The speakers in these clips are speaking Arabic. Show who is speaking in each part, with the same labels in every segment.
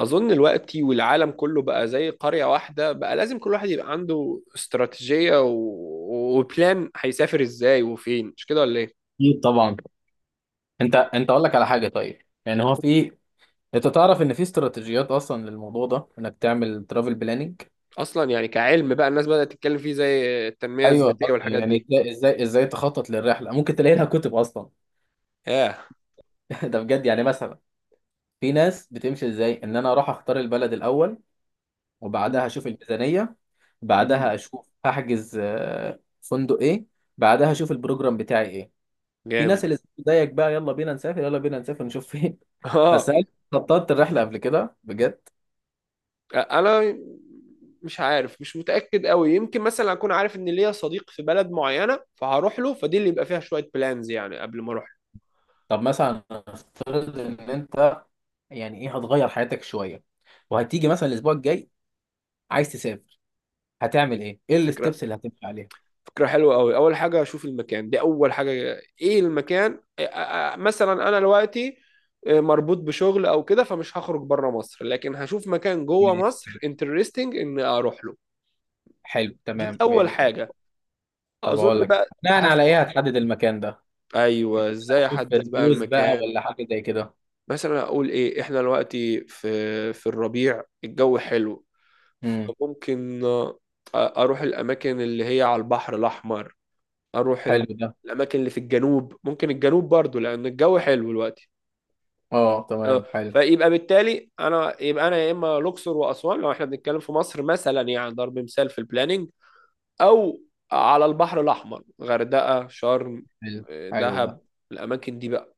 Speaker 1: أظن الوقت والعالم كله بقى زي قرية واحدة. بقى لازم كل واحد يبقى عنده استراتيجية وبلان، هيسافر إزاي وفين، مش كده ولا إيه؟
Speaker 2: اكيد طبعا. انت
Speaker 1: م.
Speaker 2: انت اقول لك على حاجه، طيب. يعني هو في انت تعرف ان في استراتيجيات اصلا للموضوع ده انك تعمل ترافل بلاننج.
Speaker 1: أصلا يعني كعلم بقى الناس بدأت تتكلم فيه زي التنمية
Speaker 2: ايوه،
Speaker 1: الذاتية والحاجات
Speaker 2: يعني
Speaker 1: دي.
Speaker 2: ازاي تخطط للرحله؟ ممكن تلاقي لها كتب اصلا.
Speaker 1: ياه.
Speaker 2: ده بجد، يعني مثلا في ناس بتمشي ازاي، ان انا اروح اختار البلد الاول،
Speaker 1: م.
Speaker 2: وبعدها اشوف الميزانيه،
Speaker 1: م.
Speaker 2: بعدها اشوف هحجز فندق ايه، بعدها اشوف البروجرام بتاعي ايه. في ناس
Speaker 1: جامد.
Speaker 2: اللي زيك بقى، يلا بينا نسافر يلا بينا نسافر نشوف فين. بس
Speaker 1: آه.
Speaker 2: هل خططت الرحله قبل كده بجد؟
Speaker 1: أنا مش عارف، مش متأكد قوي. يمكن مثلا أكون عارف إن ليا صديق في بلد معينة فهروح له، فدي اللي يبقى فيها شوية بلانز يعني قبل ما أروح.
Speaker 2: طب مثلا نفترض ان انت، يعني ايه، هتغير حياتك شويه، وهتيجي مثلا الاسبوع الجاي عايز تسافر، هتعمل ايه؟ ايه
Speaker 1: فكرة
Speaker 2: الستبس اللي هتمشي عليها؟
Speaker 1: فكرة حلوة أوي، أول حاجة أشوف المكان، دي أول حاجة. إيه المكان، مثلا أنا دلوقتي مربوط بشغل أو كده، فمش هخرج بره مصر لكن هشوف مكان جوه
Speaker 2: ماشي،
Speaker 1: مصر انترستنج إن أروح له.
Speaker 2: حلو
Speaker 1: دي
Speaker 2: تمام
Speaker 1: أول
Speaker 2: يعني.
Speaker 1: حاجة.
Speaker 2: طب
Speaker 1: أظن
Speaker 2: اقول لك،
Speaker 1: بقى
Speaker 2: بناء على ايه
Speaker 1: هفتح.
Speaker 2: هتحدد المكان ده؟
Speaker 1: أيوه، إزاي
Speaker 2: هتشوف
Speaker 1: أحدد بقى
Speaker 2: ريفيوز بقى
Speaker 1: المكان.
Speaker 2: ولا حاجه زي كده؟
Speaker 1: مثلا أقول إيه، إحنا دلوقتي في الربيع الجو حلو،
Speaker 2: امم،
Speaker 1: فممكن أروح الأماكن اللي هي على البحر الأحمر. اروح ال-
Speaker 2: حلو ده.
Speaker 1: الاماكن اللي في الجنوب، ممكن الجنوب برضو لان الجو حلو دلوقتي.
Speaker 2: اه
Speaker 1: اه
Speaker 2: تمام، حلو
Speaker 1: فيبقى بالتالي، انا يا اما الاقصر واسوان لو احنا بنتكلم في مصر، مثلا يعني ضرب مثال في البلاننج. او على البحر الاحمر، غردقه، شرم،
Speaker 2: حلو، حلو ده.
Speaker 1: دهب. الاماكن دي بقى.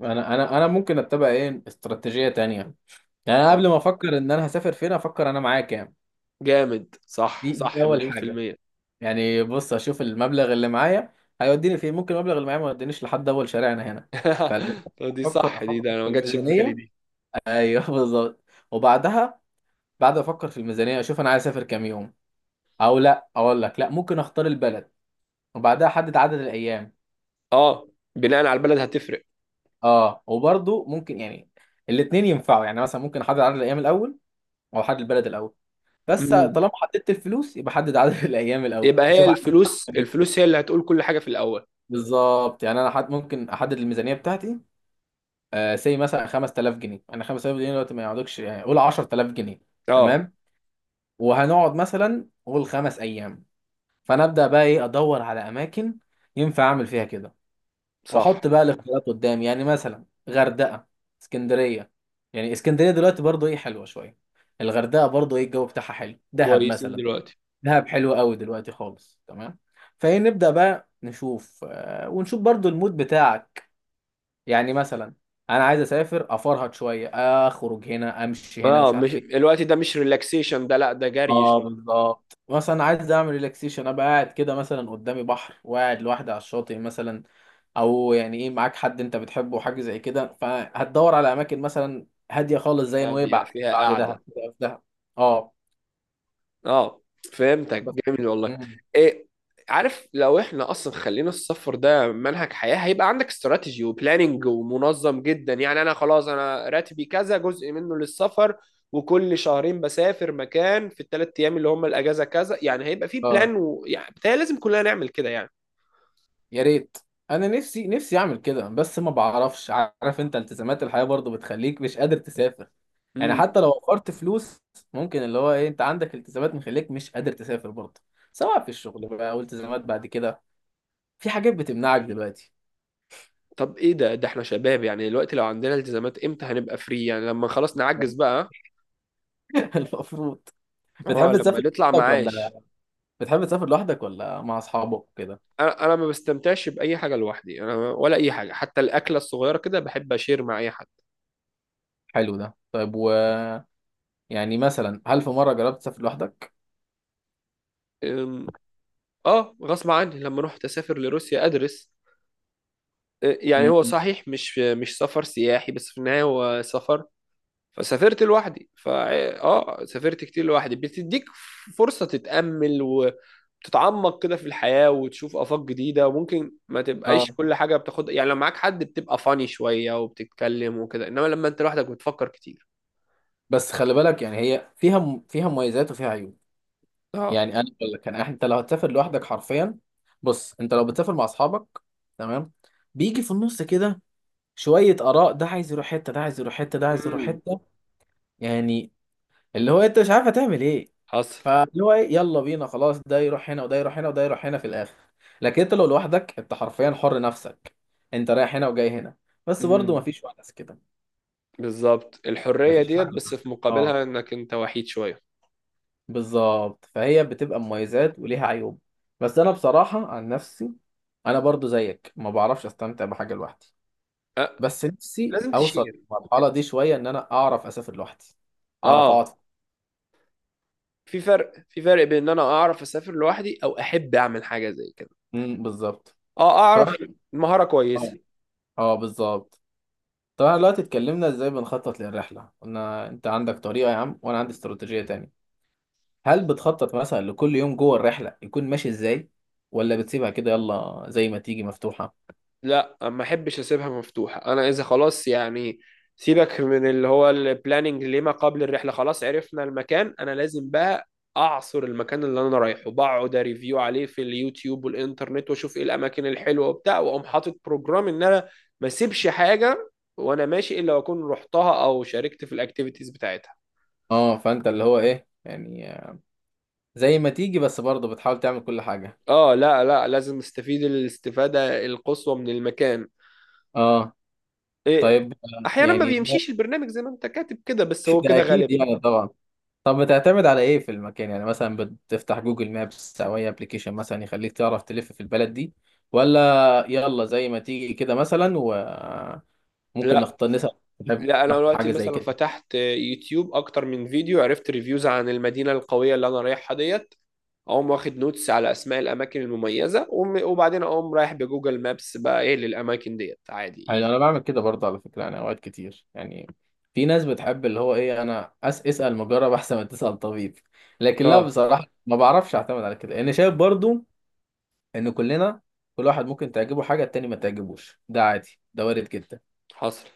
Speaker 2: انا ممكن اتبع ايه استراتيجيه تانية. يعني انا
Speaker 1: اه
Speaker 2: قبل ما افكر ان انا هسافر فين، افكر انا معايا كام.
Speaker 1: جامد، صح
Speaker 2: دي
Speaker 1: صح،
Speaker 2: اول
Speaker 1: مليون في
Speaker 2: حاجه.
Speaker 1: المية.
Speaker 2: يعني بص اشوف المبلغ اللي معايا هيوديني فين، ممكن المبلغ اللي معايا ما يودينيش لحد اول شارعنا هنا.
Speaker 1: طب دي
Speaker 2: فافكر
Speaker 1: صح، دي
Speaker 2: افكر
Speaker 1: ده انا
Speaker 2: في
Speaker 1: ما جاتش في بالي
Speaker 2: الميزانيه،
Speaker 1: دي.
Speaker 2: ايوه بالظبط. وبعدها، بعد ما افكر في الميزانيه اشوف انا عايز اسافر كام يوم. او لا اقول لك، لا، ممكن اختار البلد وبعدها احدد عدد الايام.
Speaker 1: اه، بناء على البلد هتفرق.
Speaker 2: اه، وبرضه ممكن يعني الاثنين ينفعوا، يعني مثلا ممكن احدد عدد الايام الاول او احدد البلد الاول. بس
Speaker 1: امم.
Speaker 2: طالما حددت الفلوس، يبقى حدد عدد الايام الاول،
Speaker 1: يبقى هي
Speaker 2: اشوف عايز أروح
Speaker 1: الفلوس،
Speaker 2: كام يوم.
Speaker 1: الفلوس هي اللي هتقول كل حاجة في الاول.
Speaker 2: بالظبط، يعني انا حد ممكن احدد الميزانيه بتاعتي سي مثلا 5000 جنيه، انا 5000 جنيه دلوقتي ما يقعدوكش، يعني قول 10000 جنيه،
Speaker 1: اه
Speaker 2: تمام. وهنقعد مثلا قول 5 ايام، فانا ابدا بقى ايه، ادور على اماكن ينفع اعمل فيها كده،
Speaker 1: صح.
Speaker 2: واحط بقى الاختيارات قدامي. يعني مثلا غردقه، اسكندريه. يعني اسكندريه دلوقتي برضو ايه، حلوه شويه. الغردقه برضو ايه، الجو بتاعها حلو. دهب
Speaker 1: كويسين
Speaker 2: مثلا،
Speaker 1: دلوقتي.
Speaker 2: دهب حلو قوي دلوقتي خالص، تمام. فايه، نبدا بقى نشوف ونشوف برضو المود بتاعك. يعني مثلا انا عايز اسافر افرهد شويه، اخرج هنا امشي هنا
Speaker 1: اه
Speaker 2: مش
Speaker 1: مش
Speaker 2: عارف ايه.
Speaker 1: الوقت ده، مش ريلاكسيشن، ده لا ده جري
Speaker 2: اه
Speaker 1: شويه.
Speaker 2: بالظبط، مثلا عايز اعمل ريلاكسيشن، ابقى قاعد كده مثلا قدامي بحر وقاعد لوحدي على الشاطئ مثلا. او يعني ايه، معاك حد انت بتحبه، حاجه زي كده، فهتدور على اماكن مثلا هاديه خالص زي
Speaker 1: هاديه
Speaker 2: نويبع،
Speaker 1: فيها
Speaker 2: بعد دهب
Speaker 1: قاعده.
Speaker 2: في دهب. اه.
Speaker 1: اه. فهمتك،
Speaker 2: بس.
Speaker 1: جميل والله.
Speaker 2: مم.
Speaker 1: ايه. عارف لو احنا اصلا خلينا السفر ده منهج حياه، هيبقى عندك استراتيجي وبلاننج ومنظم جدا. يعني انا خلاص، انا راتبي كذا جزء منه للسفر، وكل شهرين بسافر مكان في الثلاث ايام اللي هم الاجازه كذا، يعني هيبقى في
Speaker 2: آه.
Speaker 1: بلان، ويعني بتهيألي لازم كلنا نعمل كده.
Speaker 2: يا ريت. انا نفسي نفسي اعمل كده، بس ما بعرفش، عارف انت التزامات الحياة برضو بتخليك مش قادر تسافر. يعني
Speaker 1: يعني
Speaker 2: حتى لو وفرت فلوس، ممكن اللي هو ايه، انت عندك التزامات مخليك مش قادر تسافر برضو، سواء في الشغل بقى او التزامات بعد كده. في حاجات بتمنعك دلوقتي.
Speaker 1: طب ايه ده احنا شباب يعني دلوقتي، لو عندنا التزامات امتى هنبقى فري؟ يعني لما خلاص نعجز بقى.
Speaker 2: المفروض. بتحب
Speaker 1: اه لما
Speaker 2: تسافر
Speaker 1: نطلع
Speaker 2: لوحدك
Speaker 1: معاش.
Speaker 2: ولا بتحب تسافر لوحدك ولا مع اصحابك كده؟
Speaker 1: انا ما بستمتعش باي حاجه لوحدي، انا ولا اي حاجه، حتى الاكله الصغيره كده بحب اشير مع اي حد.
Speaker 2: حلو ده، طيب، و، يعني مثلا هل في مرة جربت تسافر لوحدك؟
Speaker 1: أم، اه غصب عني لما رحت اسافر لروسيا ادرس. يعني
Speaker 2: م-
Speaker 1: هو
Speaker 2: م.
Speaker 1: صحيح مش سفر سياحي، بس في النهايه هو سفر. فسافرت لوحدي اه، سافرت كتير لوحدي، بتديك فرصة تتأمل وتتعمق كده في الحياة وتشوف آفاق جديدة، وممكن ما
Speaker 2: اه،
Speaker 1: تبقاش كل حاجة بتاخد، يعني لو معاك حد بتبقى فاني شوية وبتتكلم وكده، انما لما انت لوحدك بتفكر كتير.
Speaker 2: بس خلي بالك، يعني هي فيها فيها مميزات وفيها عيوب.
Speaker 1: اه.
Speaker 2: يعني انا بقول لك، انت لو هتسافر لوحدك حرفيا، بص، انت لو بتسافر مع اصحابك تمام، بيجي في النص كده شويه اراء، ده عايز يروح حته، ده عايز يروح حته، ده عايز يروح
Speaker 1: امم.
Speaker 2: حته. يعني اللي هو انت مش عارف هتعمل ايه.
Speaker 1: حصل.
Speaker 2: فاللي هو يلا بينا خلاص، ده يروح هنا وده يروح هنا وده يروح هنا في الاخر. لكن انت لو لوحدك، انت حرفيا حر نفسك، انت رايح هنا وجاي هنا. بس برضه
Speaker 1: امم
Speaker 2: مفيش ونس كده،
Speaker 1: بالظبط، الحرية
Speaker 2: مفيش
Speaker 1: ديت
Speaker 2: حد
Speaker 1: بس
Speaker 2: معاك.
Speaker 1: في
Speaker 2: اه
Speaker 1: مقابلها انك انت وحيد شوية.
Speaker 2: بالظبط، فهي بتبقى مميزات وليها عيوب. بس انا بصراحة عن نفسي، انا برضو زيك ما بعرفش استمتع بحاجة لوحدي.
Speaker 1: أه.
Speaker 2: بس نفسي
Speaker 1: لازم
Speaker 2: اوصل
Speaker 1: تشير.
Speaker 2: المرحلة دي شوية، ان انا اعرف اسافر لوحدي، اعرف
Speaker 1: اه
Speaker 2: اقعد.
Speaker 1: في فرق بين ان انا اعرف اسافر لوحدي او احب اعمل حاجة زي كده.
Speaker 2: بالظبط.
Speaker 1: اه اعرف.
Speaker 2: طيب.
Speaker 1: مهارة
Speaker 2: اه.
Speaker 1: كويسة.
Speaker 2: اه بالظبط. طب احنا دلوقتي اتكلمنا ازاي بنخطط للرحلة، قلنا انت عندك طريقة يا عم وانا عندي استراتيجية تانية. هل بتخطط مثلا لكل يوم جوه الرحلة يكون ماشي ازاي، ولا بتسيبها كده يلا زي ما تيجي، مفتوحة؟
Speaker 1: لا ما احبش اسيبها مفتوحه، انا اذا خلاص يعني، سيبك من اللي هو البلاننج، لما قبل الرحله خلاص عرفنا المكان، انا لازم بقى اعصر المكان اللي انا رايحه، بقعد ريفيو عليه في اليوتيوب والانترنت واشوف ايه الاماكن الحلوه وبتاع، واقوم حاطط بروجرام ان انا ما اسيبش حاجه وانا ماشي الا واكون رحتها او شاركت في الاكتيفيتيز بتاعتها.
Speaker 2: اه، فانت اللي هو ايه، يعني زي ما تيجي، بس برضه بتحاول تعمل كل حاجة.
Speaker 1: اه لا لا لازم استفيد الاستفاده القصوى من المكان.
Speaker 2: اه.
Speaker 1: إيه.
Speaker 2: طيب
Speaker 1: احيانا ما
Speaker 2: يعني
Speaker 1: بيمشيش البرنامج زي ما انت كاتب كده، بس هو
Speaker 2: ده
Speaker 1: كده
Speaker 2: اكيد
Speaker 1: غالبا.
Speaker 2: يعني طبعا. طب بتعتمد على ايه في المكان؟ يعني مثلا بتفتح جوجل مابس او اي ابلكيشن مثلا يخليك تعرف تلف في البلد دي، ولا يلا زي ما تيجي كده مثلا وممكن
Speaker 1: لا
Speaker 2: نختار، نسأل،
Speaker 1: لا، انا
Speaker 2: نحب
Speaker 1: دلوقتي
Speaker 2: حاجة زي
Speaker 1: مثلا
Speaker 2: كده؟
Speaker 1: فتحت يوتيوب اكتر من فيديو، عرفت ريفيوز عن المدينه القويه اللي انا رايحها ديت. اقوم واخد نوتس على اسماء الاماكن المميزه وبعدين اقوم رايح بجوجل مابس بقى ايه للاماكن ديت، عادي
Speaker 2: يعني
Speaker 1: ايزي.
Speaker 2: انا بعمل كده برضه، على فكرة. يعني اوقات كتير، يعني في ناس بتحب اللي هو ايه، انا اسأل مجرب احسن ما تسأل طبيب. لكن لا،
Speaker 1: اه
Speaker 2: بصراحة ما بعرفش اعتمد على كده. انا شايف برضه ان كلنا، كل واحد ممكن تعجبه حاجه التاني ما تعجبوش، ده عادي، ده وارد جدا.
Speaker 1: حصل.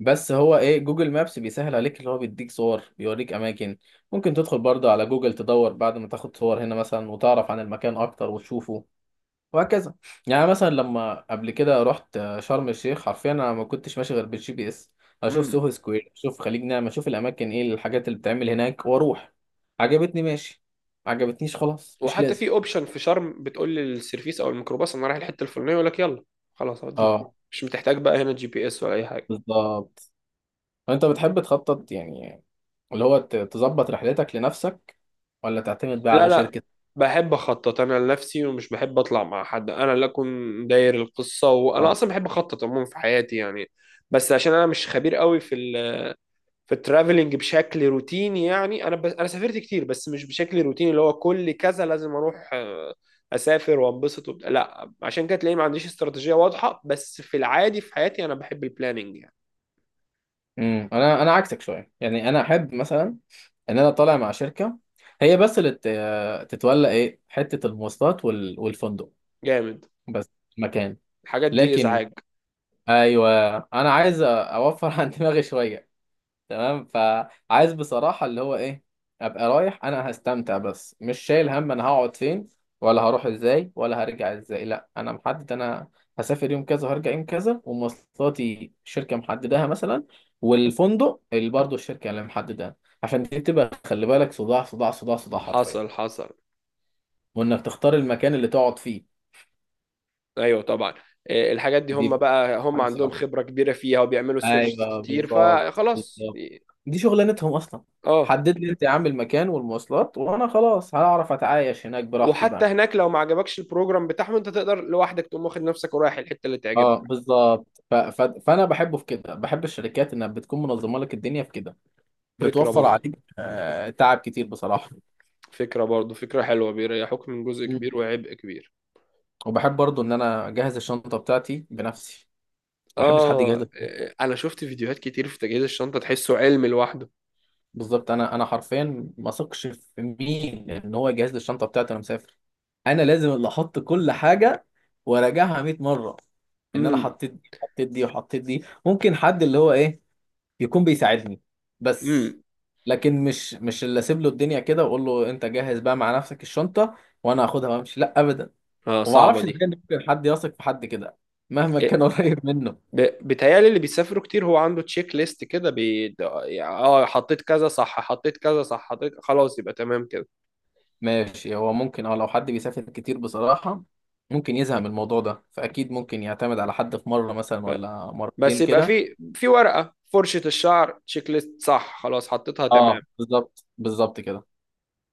Speaker 2: بس هو ايه، جوجل مابس بيسهل عليك، اللي هو بيديك صور، بيوريك اماكن. ممكن تدخل برضه على جوجل تدور بعد ما تاخد صور هنا مثلا وتعرف عن المكان اكتر وتشوفه، وهكذا. يعني مثلا لما قبل كده رحت شرم الشيخ، حرفيا انا ما كنتش ماشي غير بالجي بي اس، اشوف
Speaker 1: امم.
Speaker 2: سوهو سكوير، اشوف خليج نعمة، اشوف الاماكن ايه، الحاجات اللي بتتعمل هناك، واروح. عجبتني، ماشي. عجبتنيش، خلاص مش
Speaker 1: وحتى
Speaker 2: لازم.
Speaker 1: في اوبشن في شرم، بتقول للسيرفيس او الميكروباص انا رايح الحته الفلانيه، يقول لك يلا خلاص هوديك.
Speaker 2: اه
Speaker 1: مش بتحتاج بقى هنا GPS ولا اي حاجه.
Speaker 2: بالظبط. انت بتحب تخطط يعني، اللي هو تظبط رحلتك لنفسك، ولا تعتمد بقى
Speaker 1: لا
Speaker 2: على
Speaker 1: لا،
Speaker 2: شركة؟
Speaker 1: بحب اخطط انا لنفسي، ومش بحب اطلع مع حد، انا اللي اكون داير القصه، وانا اصلا بحب اخطط عموما في حياتي يعني. بس عشان انا مش خبير قوي في الترافلنج بشكل روتيني، يعني انا سافرت كتير بس مش بشكل روتيني اللي هو كل كذا لازم اروح، اسافر وانبسط وبتاع، لا عشان كده تلاقيني ما عنديش استراتيجيه واضحه، بس في العادي في حياتي انا بحب البلاننج يعني.
Speaker 2: امم، انا عكسك شوية. يعني انا احب مثلا ان انا طالع مع شركة، هي بس اللي تتولى ايه، حتة المواصلات والفندق
Speaker 1: جامد.
Speaker 2: بس، مكان.
Speaker 1: الحاجات دي
Speaker 2: لكن،
Speaker 1: ازعاج.
Speaker 2: ايوه، انا عايز اوفر عن دماغي شوية، تمام. فعايز بصراحة اللي هو ايه، ابقى رايح انا هستمتع، بس مش شايل هم انا هقعد فين ولا هروح ازاي ولا هرجع ازاي. لا، انا محدد، انا هسافر يوم كذا وهرجع يوم كذا، ومواصلاتي شركة محددها مثلا، والفندق اللي برضه الشركة اللي محددها. عشان دي بتبقى، خلي بالك، صداع صداع صداع صداع حرفيا،
Speaker 1: حصل حصل،
Speaker 2: وانك تختار المكان اللي تقعد فيه
Speaker 1: ايوه طبعا. إيه، الحاجات دي هم
Speaker 2: دي
Speaker 1: بقى، هم
Speaker 2: حاجة
Speaker 1: عندهم
Speaker 2: صعبة.
Speaker 1: خبرة كبيرة فيها وبيعملوا سيرشز
Speaker 2: ايوه
Speaker 1: كتير،
Speaker 2: بالظبط
Speaker 1: فخلاص
Speaker 2: بالظبط،
Speaker 1: إيه.
Speaker 2: دي شغلانتهم اصلا.
Speaker 1: اه،
Speaker 2: حدد لي انت يا عم المكان والمواصلات وانا خلاص هعرف اتعايش هناك براحتي
Speaker 1: وحتى
Speaker 2: بقى.
Speaker 1: هناك لو ما عجبكش البروجرام بتاعهم انت تقدر لوحدك تقوم واخد نفسك ورايح الحتة اللي
Speaker 2: اه
Speaker 1: تعجبك.
Speaker 2: بالظبط فانا بحبه في كده، بحب الشركات انها بتكون منظمه لك الدنيا في كده،
Speaker 1: فكرة
Speaker 2: بتوفر
Speaker 1: برضو
Speaker 2: عليك تعب كتير بصراحه.
Speaker 1: فكرة برضو، فكرة حلوة، بيريحوك من جزء
Speaker 2: مم.
Speaker 1: كبير وعبء كبير.
Speaker 2: وبحب برضو ان انا اجهز الشنطه بتاعتي بنفسي، ما بحبش حد
Speaker 1: اه.
Speaker 2: يجهز.
Speaker 1: إيه، انا شفت فيديوهات كتير في تجهيز الشنطة، تحسه علم لوحده.
Speaker 2: بالظبط، انا حرفيا ما اثقش في مين ان هو يجهز لي الشنطه بتاعتي وانا مسافر. انا لازم اللي احط كل حاجه وراجعها 100 مره، ان انا
Speaker 1: امم.
Speaker 2: حطيت دي وحطيت دي وحطيت دي. ممكن حد اللي هو ايه يكون بيساعدني، بس.
Speaker 1: امم.
Speaker 2: لكن مش اللي اسيب له الدنيا كده واقول له انت جهز بقى مع نفسك الشنطه وانا هاخدها وامشي. لا ابدا.
Speaker 1: اه
Speaker 2: وما
Speaker 1: صعبة
Speaker 2: اعرفش ازاي
Speaker 1: دي.
Speaker 2: إن ممكن حد يثق في حد كده مهما
Speaker 1: آه،
Speaker 2: كان قريب منه.
Speaker 1: بيتهيألي اللي بيسافروا كتير هو عنده تشيك ليست كده، بي... ده- يعني، اه حطيت كذا صح، حطيت كذا صح، حطيت خلاص يبقى تمام كده.
Speaker 2: ماشي، هو ممكن اه، لو حد بيسافر كتير بصراحة، ممكن يزهق من الموضوع ده، فأكيد ممكن يعتمد على حد في مرة مثلا
Speaker 1: ف...
Speaker 2: ولا
Speaker 1: بس
Speaker 2: مرتين
Speaker 1: يبقى
Speaker 2: كده.
Speaker 1: في ورقة، فرشة الشعر، تشيك ليست صح، خلاص حطيتها تمام.
Speaker 2: اه بالظبط بالظبط كده.